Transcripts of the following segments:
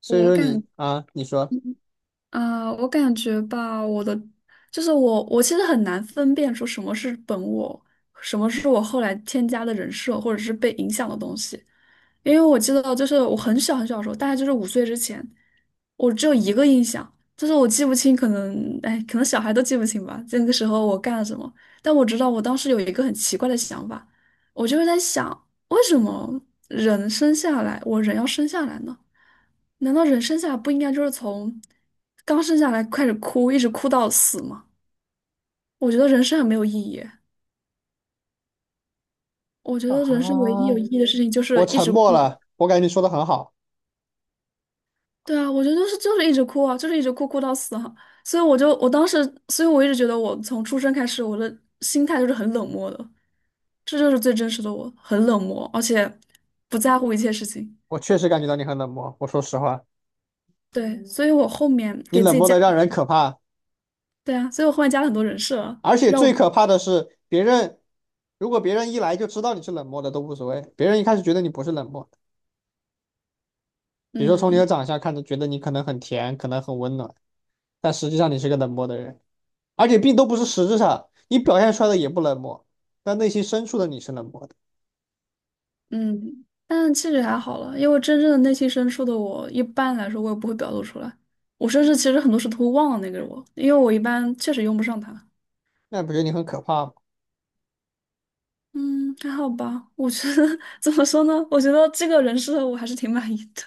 所以我说你感啊，你说，我感觉吧，我的就是我，我其实很难分辨出什么是本我，什么是我后来添加的人设或者是被影响的东西。因为我记得就是我很小很小的时候，大概就是5岁之前，我只有一个印象，就是我记不清，可能哎，可能小孩都记不清吧，那个时候我干了什么，但我知道我当时有一个很奇怪的想法，我就是在想，为什么人生下来，我人要生下来呢？难道人生下来不应该就是从刚生下来开始哭，一直哭到死吗？我觉得人生很没有意义。我觉得人生唯一有意义的事情就是我一沉直默哭。了。我感觉你说的很好，对啊，我觉得就是一直哭啊，就是一直哭哭到死啊。所以我就我当时，所以我一直觉得我从出生开始，我的心态就是很冷漠的，这就是最真实的我，很冷漠，而且不在乎一切事情。我确实感觉到你很冷漠。我说实话，对，所以我后面你给自冷己漠加，的让人可怕，对啊，所以我后面加了很多人设啊而且让最我，可怕的是别人，如果别人一来就知道你是冷漠的都无所谓，别人一开始觉得你不是冷漠，比如说从你嗯的长相看着觉得你可能很甜，可能很温暖，但实际上你是个冷漠的人，而且并都不是实质上，你表现出来的也不冷漠，但内心深处的你是冷漠的。嗯，但其实还好了，因为真正的内心深处的我，一般来说我也不会表露出来，我甚至其实很多事都会忘了那个我，因为我一般确实用不上他。那不觉得你很可怕吗？嗯，还好吧。我觉得 怎么说呢？我觉得这个人设我还是挺满意的。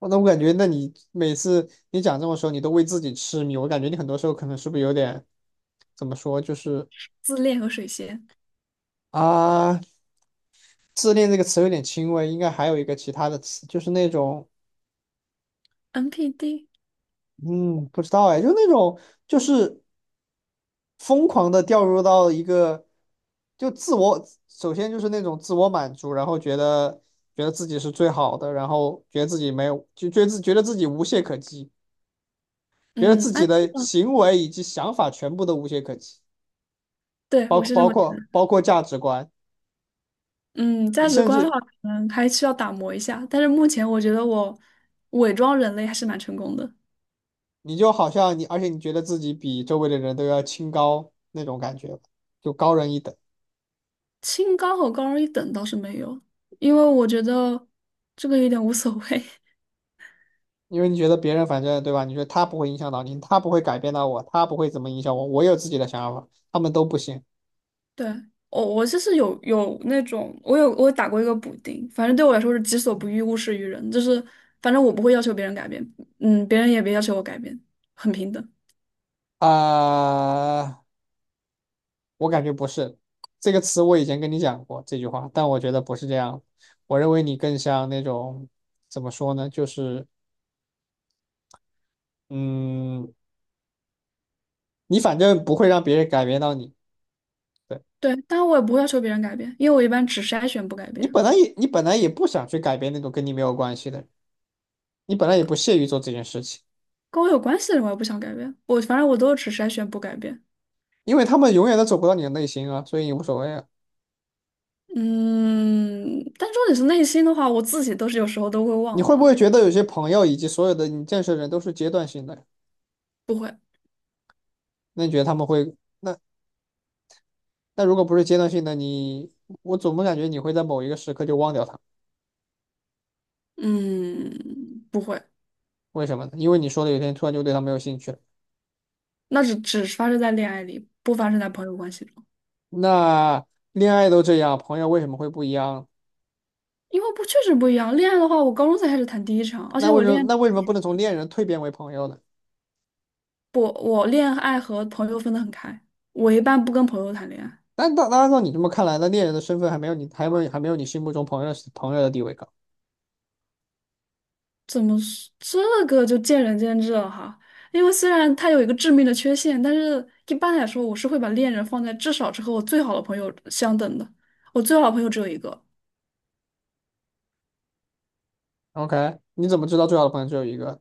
那我感觉，那你每次你讲这种时候，你都为自己痴迷。我感觉你很多时候可能是不是有点怎么说，就是自恋和水仙啊，自恋这个词有点轻微，应该还有一个其他的词，就是那种，NPD，嗯，不知道哎，就那种就是疯狂的掉入到一个就自我，首先就是那种自我满足，然后觉得自己是最好的，然后觉得自己没有，就觉得觉得自己无懈可击，觉得自嗯，安己逸的吧。行为以及想法全部都无懈可击。对，包我是这包么觉括包得。括价值观。嗯，价你值甚观的至话，可能还需要打磨一下。但是目前我觉得我伪装人类还是蛮成功的。你就好像你，而且你觉得自己比周围的人都要清高那种感觉，就高人一等。清高和高人一等倒是没有，因为我觉得这个有点无所谓。因为你觉得别人反正对吧？你觉得他不会影响到你，他不会改变到我，他不会怎么影响我，我有自己的想法，他们都不行。对，我就是有那种，我打过一个补丁，反正对我来说是己所不欲，勿施于人，就是反正我不会要求别人改变，嗯，别人也别要求我改变，很平等。啊、呃我感觉不是这个词，我以前跟你讲过这句话，但我觉得不是这样，我认为你更像那种怎么说呢？就是嗯，你反正不会让别人改变到你。对。对，当然我也不会要求别人改变，因为我一般只筛选不改你变，本来也你本来也不想去改变那种跟你没有关系的人，你本来也不屑于做这件事情，跟我有关系的人我也不想改变，反正我都是只筛选不改变。因为他们永远都走不到你的内心啊，所以你无所谓啊。嗯，但重点是内心的话，我自己都是有时候都会你忘会不会了，觉得有些朋友以及所有的你认识的人都是阶段性的？不会，那你觉得他们会？那那如果不是阶段性的，你我总不感觉你会在某一个时刻就忘掉他。嗯，不会，为什么呢？因为你说的有一天突然就对他没有兴趣了。那只发生在恋爱里，不发生在朋友关系中。那恋爱都这样，朋友为什么会不一样？因为不确实不一样。恋爱的话，我高中才开始谈第一场，而那且为什么不能从恋人蜕变为朋友呢？不，我恋爱和朋友分得很开。我一般不跟朋友谈恋爱，但按照你这么看来，那猎人的身份还没有你，还没有你心目中朋友朋友的地位高。怎么说这个就见仁见智了哈。因为虽然它有一个致命的缺陷，但是一般来说，我是会把恋人放在至少是和我最好的朋友相等的。我最好的朋友只有一个，OK，你怎么知道最好的朋友只有一个？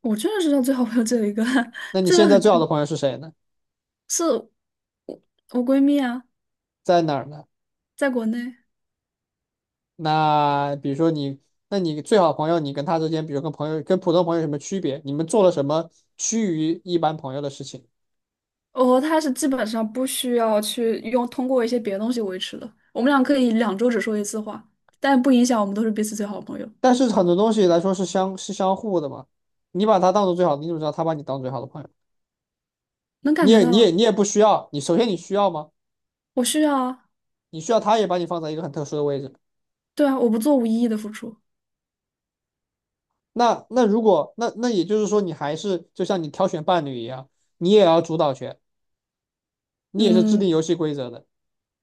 我确实知道最好朋友只有一个，那 你这现个在很，最好的朋友是谁呢？我闺蜜啊，在哪儿呢？在国内。那比如说你，那你最好的朋友，你跟他之间，比如跟朋友跟普通朋友有什么区别？你们做了什么趋于一般朋友的事情？哦，他是基本上不需要去用通过一些别的东西维持的。我们俩可以2周只说一次话，但不影响我们都是彼此最好的朋友。但是很多东西来说是相互的嘛。你把他当做最好的，你怎么知道他把你当最好的朋友？能感你觉也你到也啊，你也不需要，你首先你需要吗？我需要啊，你需要他也把你放在一个很特殊的位置。对啊，我不做无意义的付出。那那如果也就是说，你还是就像你挑选伴侣一样，你也要主导权，你也是制嗯，定游戏规则的，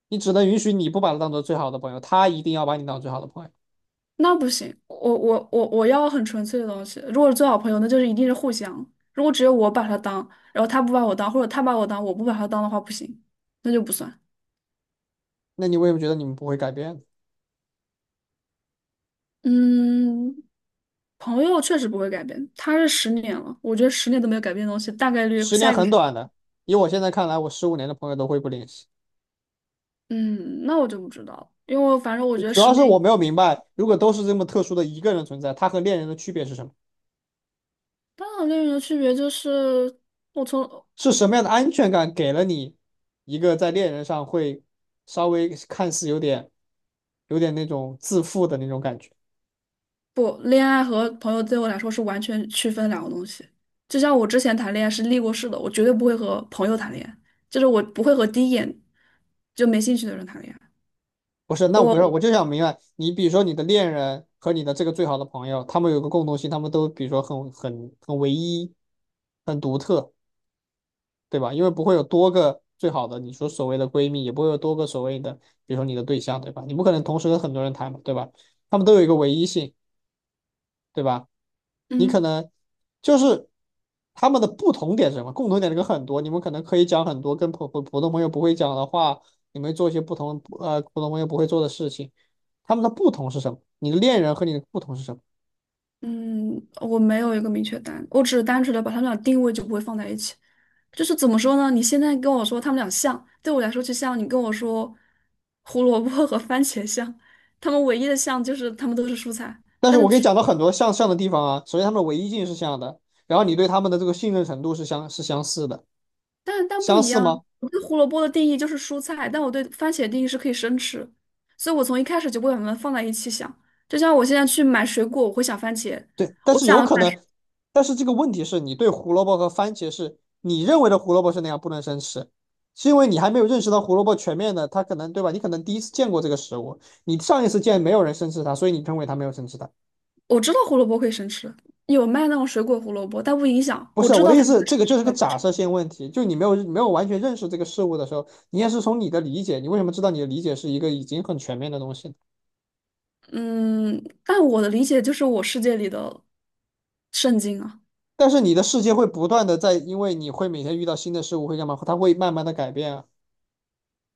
你只能允许你不把他当做最好的朋友，他一定要把你当最好的朋友。那不行，我要很纯粹的东西。如果是最好朋友，那就是一定是互相。如果只有我把他当，然后他不把我当，或者他把我当，我不把他当的话，不行，那就不算。那你为什么觉得你们不会改变？嗯，朋友确实不会改变，他是十年了，我觉得十年都没有改变的东西，大概率十年下一个。很短的，以我现在看来，我十五年的朋友都会不联系。嗯，那我就不知道了，因为反正我就觉得主十要是年我以没有明白，如果都是这么特殊的一个人存在，他和恋人的区别是什么？当然恋人的区别就是，我从是什么样的安全感给了你一个在恋人上会稍微看似有点那种自负的那种感觉？不，恋爱和朋友对我来说是完全区分两个东西。就像我之前谈恋爱是立过誓的，我绝对不会和朋友谈恋爱，就是我不会和第一眼就没兴趣的人谈恋爱。不是，那我不是，我我就想明白，你比如说你的恋人和你的这个最好的朋友，他们有个共同性，他们都比如说很唯一，很独特，对吧？因为不会有多个最好的，你说所谓的闺蜜，也不会有多个所谓的，比如说你的对象，对吧？你不可能同时跟很多人谈嘛，对吧？他们都有一个唯一性，对吧？你可嗯。能就是他们的不同点是什么？共同点这个很多，你们可能可以讲很多跟普通朋友不会讲的话，你们做一些不同普通朋友不会做的事情。他们的不同是什么？你的恋人和你的不同是什么？嗯，我没有一个明确答案，我只是单纯的把他们俩定位就不会放在一起。就是怎么说呢？你现在跟我说他们俩像，对我来说就像你跟我说胡萝卜和番茄像，它们唯一的像就是它们都是蔬菜，但是但我可以是讲到很多像像的地方啊。首先，他们的唯一性是像的，然后你对他们的这个信任程度是相似的，但但不相一似样。吗？我对胡萝卜的定义就是蔬菜，但我对番茄的定义是可以生吃，所以我从一开始就不会把它们放在一起想。就像我现在去买水果，我会想番茄；对，但我是有想可买能。但是这个问题是你对胡萝卜和番茄是你认为的胡萝卜是那样不能生吃，是因为你还没有认识到胡萝卜全面的，它可能对吧？你可能第一次见过这个食物，你上一次见没有人生吃它，所以你认为它没有生吃它。我知道胡萝卜可以生吃，有卖那种水果胡萝卜，但不影响。不我是知我道的意它有思，可以这生个吃，就是我个也不假吃。设性问题，就你没有完全认识这个事物的时候，你也是从你的理解，你为什么知道你的理解是一个已经很全面的东西呢？嗯，但我的理解就是我世界里的圣经啊。但是你的世界会不断的在，因为你会每天遇到新的事物，会干嘛？它会慢慢的改变啊。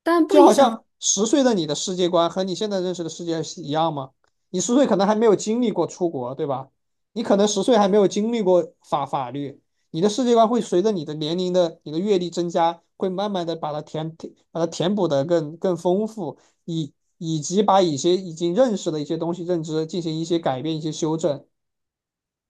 但不就影好像响。十岁的你的世界观和你现在认识的世界是一样吗？你十岁可能还没有经历过出国，对吧？你可能十岁还没有经历过法律，你的世界观会随着你的年龄的、你的阅历增加，会慢慢的把它填把它填补的更丰富，以及把一些已经认识的一些东西认知进行一些改变、一些修正。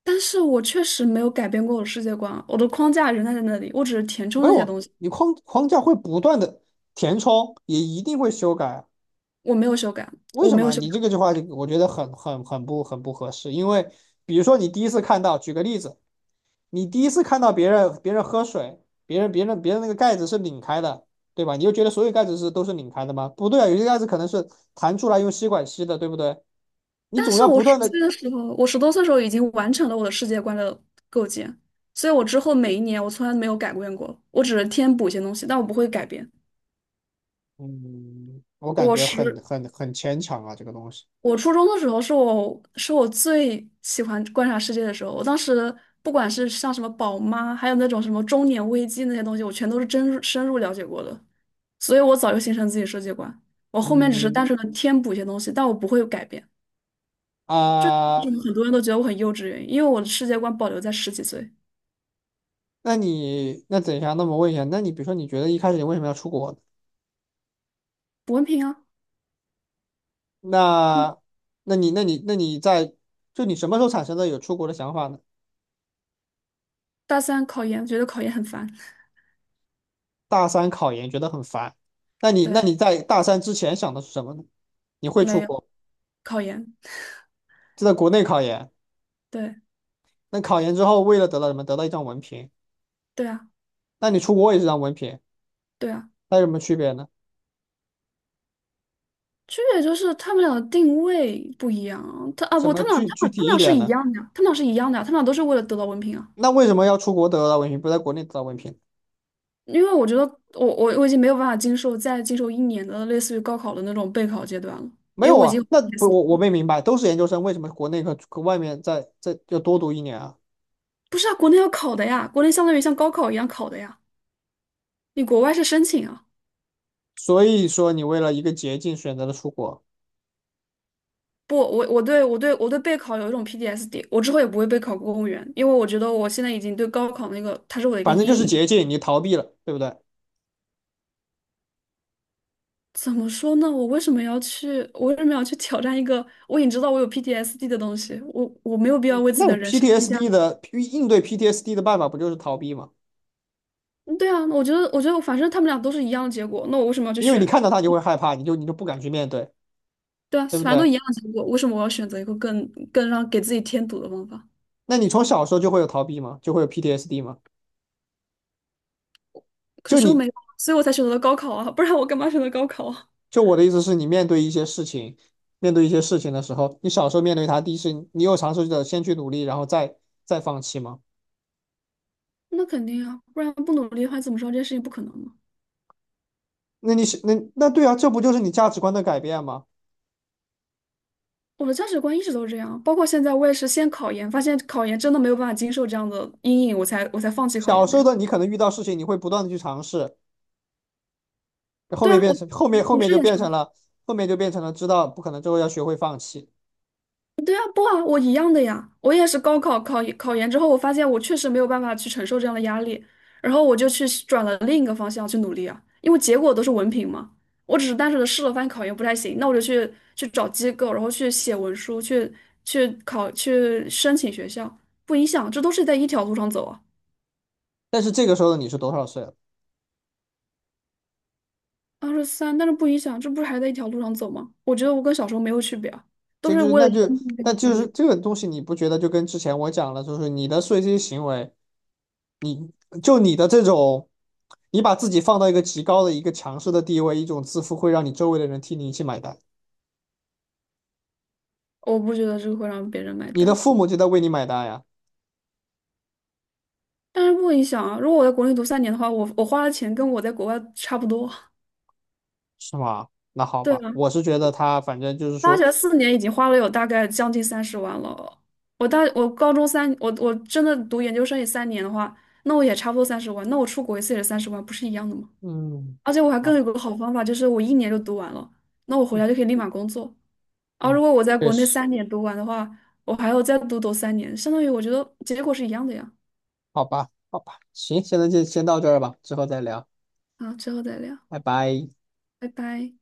但是我确实没有改变过我的世界观啊，我的框架仍然在那里，我只是填充没了一有些啊，东西，你框架会不断的填充，也一定会修改啊。我没有修改，为我什没有么修你这改。个句话就我觉得很不合适？因为比如说你第一次看到，举个例子，你第一次看到别人喝水，别人那个盖子是拧开的，对吧？你就觉得所有盖子是都是拧开的吗？不对啊，有些盖子可能是弹出来用吸管吸的，对不对？你但总是要我不十断的。岁的时候，我10多岁的时候已经完成了我的世界观的构建，所以我之后每一年我从来没有改变过，我只是添补一些东西，但我不会改变。嗯，我感我觉很十很很牵强啊，这个东西。我初中的时候是我最喜欢观察世界的时候。我当时不管是像什么宝妈，还有那种什么中年危机那些东西，我全都是深入了解过的，所以我早就形成自己世界观。我后面只是嗯单纯的添补一些东西，但我不会有改变。为啊、什么很多人都觉得我很幼稚？原因，因为我的世界观保留在10几岁。那你等一下，那么问一下，那你比如说你觉得一开始你为什么要出国呢？补文凭啊，那，那你，那你，那你在，就你什么时候产生的有出国的想法呢？大三考研，觉得考研很烦。大三考研觉得很烦，那对，你在大三之前想的是什么呢？你会出没有国？考研。就在国内考研。对，那考研之后为了得到什么？得到一张文凭。对啊，那你出国也是张文凭，对啊。那有什么区别呢？区别就是他们俩的定位不一样啊，什不，么他们俩具他具们他体们一俩是点一呢？样的，他们俩是一样的，他们俩都是为了得到文凭啊。那为什么要出国得到文凭，不在国内得到文凭？因为我觉得我已经没有办法经受再经受一年的类似于高考的那种备考阶段了，没因为有我已经啊，有 那 P 不 S 我 D 我了。没明白，都是研究生，为什么国内和外面要多读一年啊？不是啊，国内要考的呀，国内相当于像高考一样考的呀，你国外是申请啊。所以说你为了一个捷径选择了出国。不，我对备考有一种 p d s d。 我之后也不会备考公务员，因为我觉得我现在已经对高考那个它是我的一个反正阴就是影。捷径，你逃避了，对不对？怎么说呢？我为什么要去？我为什么要去挑战一个我已经知道我有 PTSD 的东西？我没有必要为自己那 的人生添加。PTSD 的应对 PTSD 的办法不就是逃避吗？嗯对啊，我觉得，反正他们俩都是一样的结果，那我为什么要去因为你选？看到它就会害怕，你就不敢去面对，对啊，对不反正都对？一样的结果，为什么我要选择一个更让给自己添堵的方法？那你从小时候就会有逃避吗？就会有 PTSD 吗？可就是我你没有，所以我才选择了高考啊，不然我干嘛选择高考啊？就我的意思是你面对一些事情，面对一些事情的时候，你小时候面对它，第一是你有尝试着先去努力，然后再放弃吗？那肯定啊，不然不努力的话，你怎么知道这件事情不可能呢？那你是那对啊，这不就是你价值观的改变吗？我的价值观一直都是这样，包括现在我也是先考研，发现考研真的没有办法经受这样的阴影，我才放弃考小研时的候呀。的你可能遇到事情，你会不断的去尝试，后对啊，面变我成后面后我面是就也变尝成试了后面就变成了知道不可能之后要学会放弃。对啊，不啊，我一样的呀，我也是考考研之后，我发现我确实没有办法去承受这样的压力，然后我就去转了另一个方向去努力啊，因为结果都是文凭嘛，我只是单纯的试了，发现考研不太行，那我就去找机构，然后去写文书，去考去申请学校，不影响，这都是在一条路上走啊，但是这个时候的你是多少岁了？23，但是不影响，这不是还在一条路上走吗？我觉得我跟小时候没有区别啊，都这是就为了那一就个目标那努就是力，这个东西，你不觉得就跟之前我讲了，就是你的这些行为，就你的这种，你把自己放到一个极高的一个强势的地位，一种自负会让你周围的人替你一起买单，我不觉得这个会让别人买你的单。父母就在为你买单呀，但是不影响啊！如果我在国内读三年的话，我花的钱跟我在国外差不多。是吗？那好对吧，啊，我是觉得他反正就是大说，学4年已经花了有大概将近三十万了。我高中三，我真的读研究生也三年的话，那我也差不多三十万。那我出国一次也是三十万，不是一样的吗？嗯，而且我还更有好，个好方法，就是我一年就读完了，那我回嗯来就可以立马工作。而如嗯，果我在确国内实，三年读完的话，我还要再读三年，相当于我觉得结果是一样的呀。好吧，好吧，行，现在就先到这儿吧，之后再聊。啊，之后再聊，拜拜。拜拜。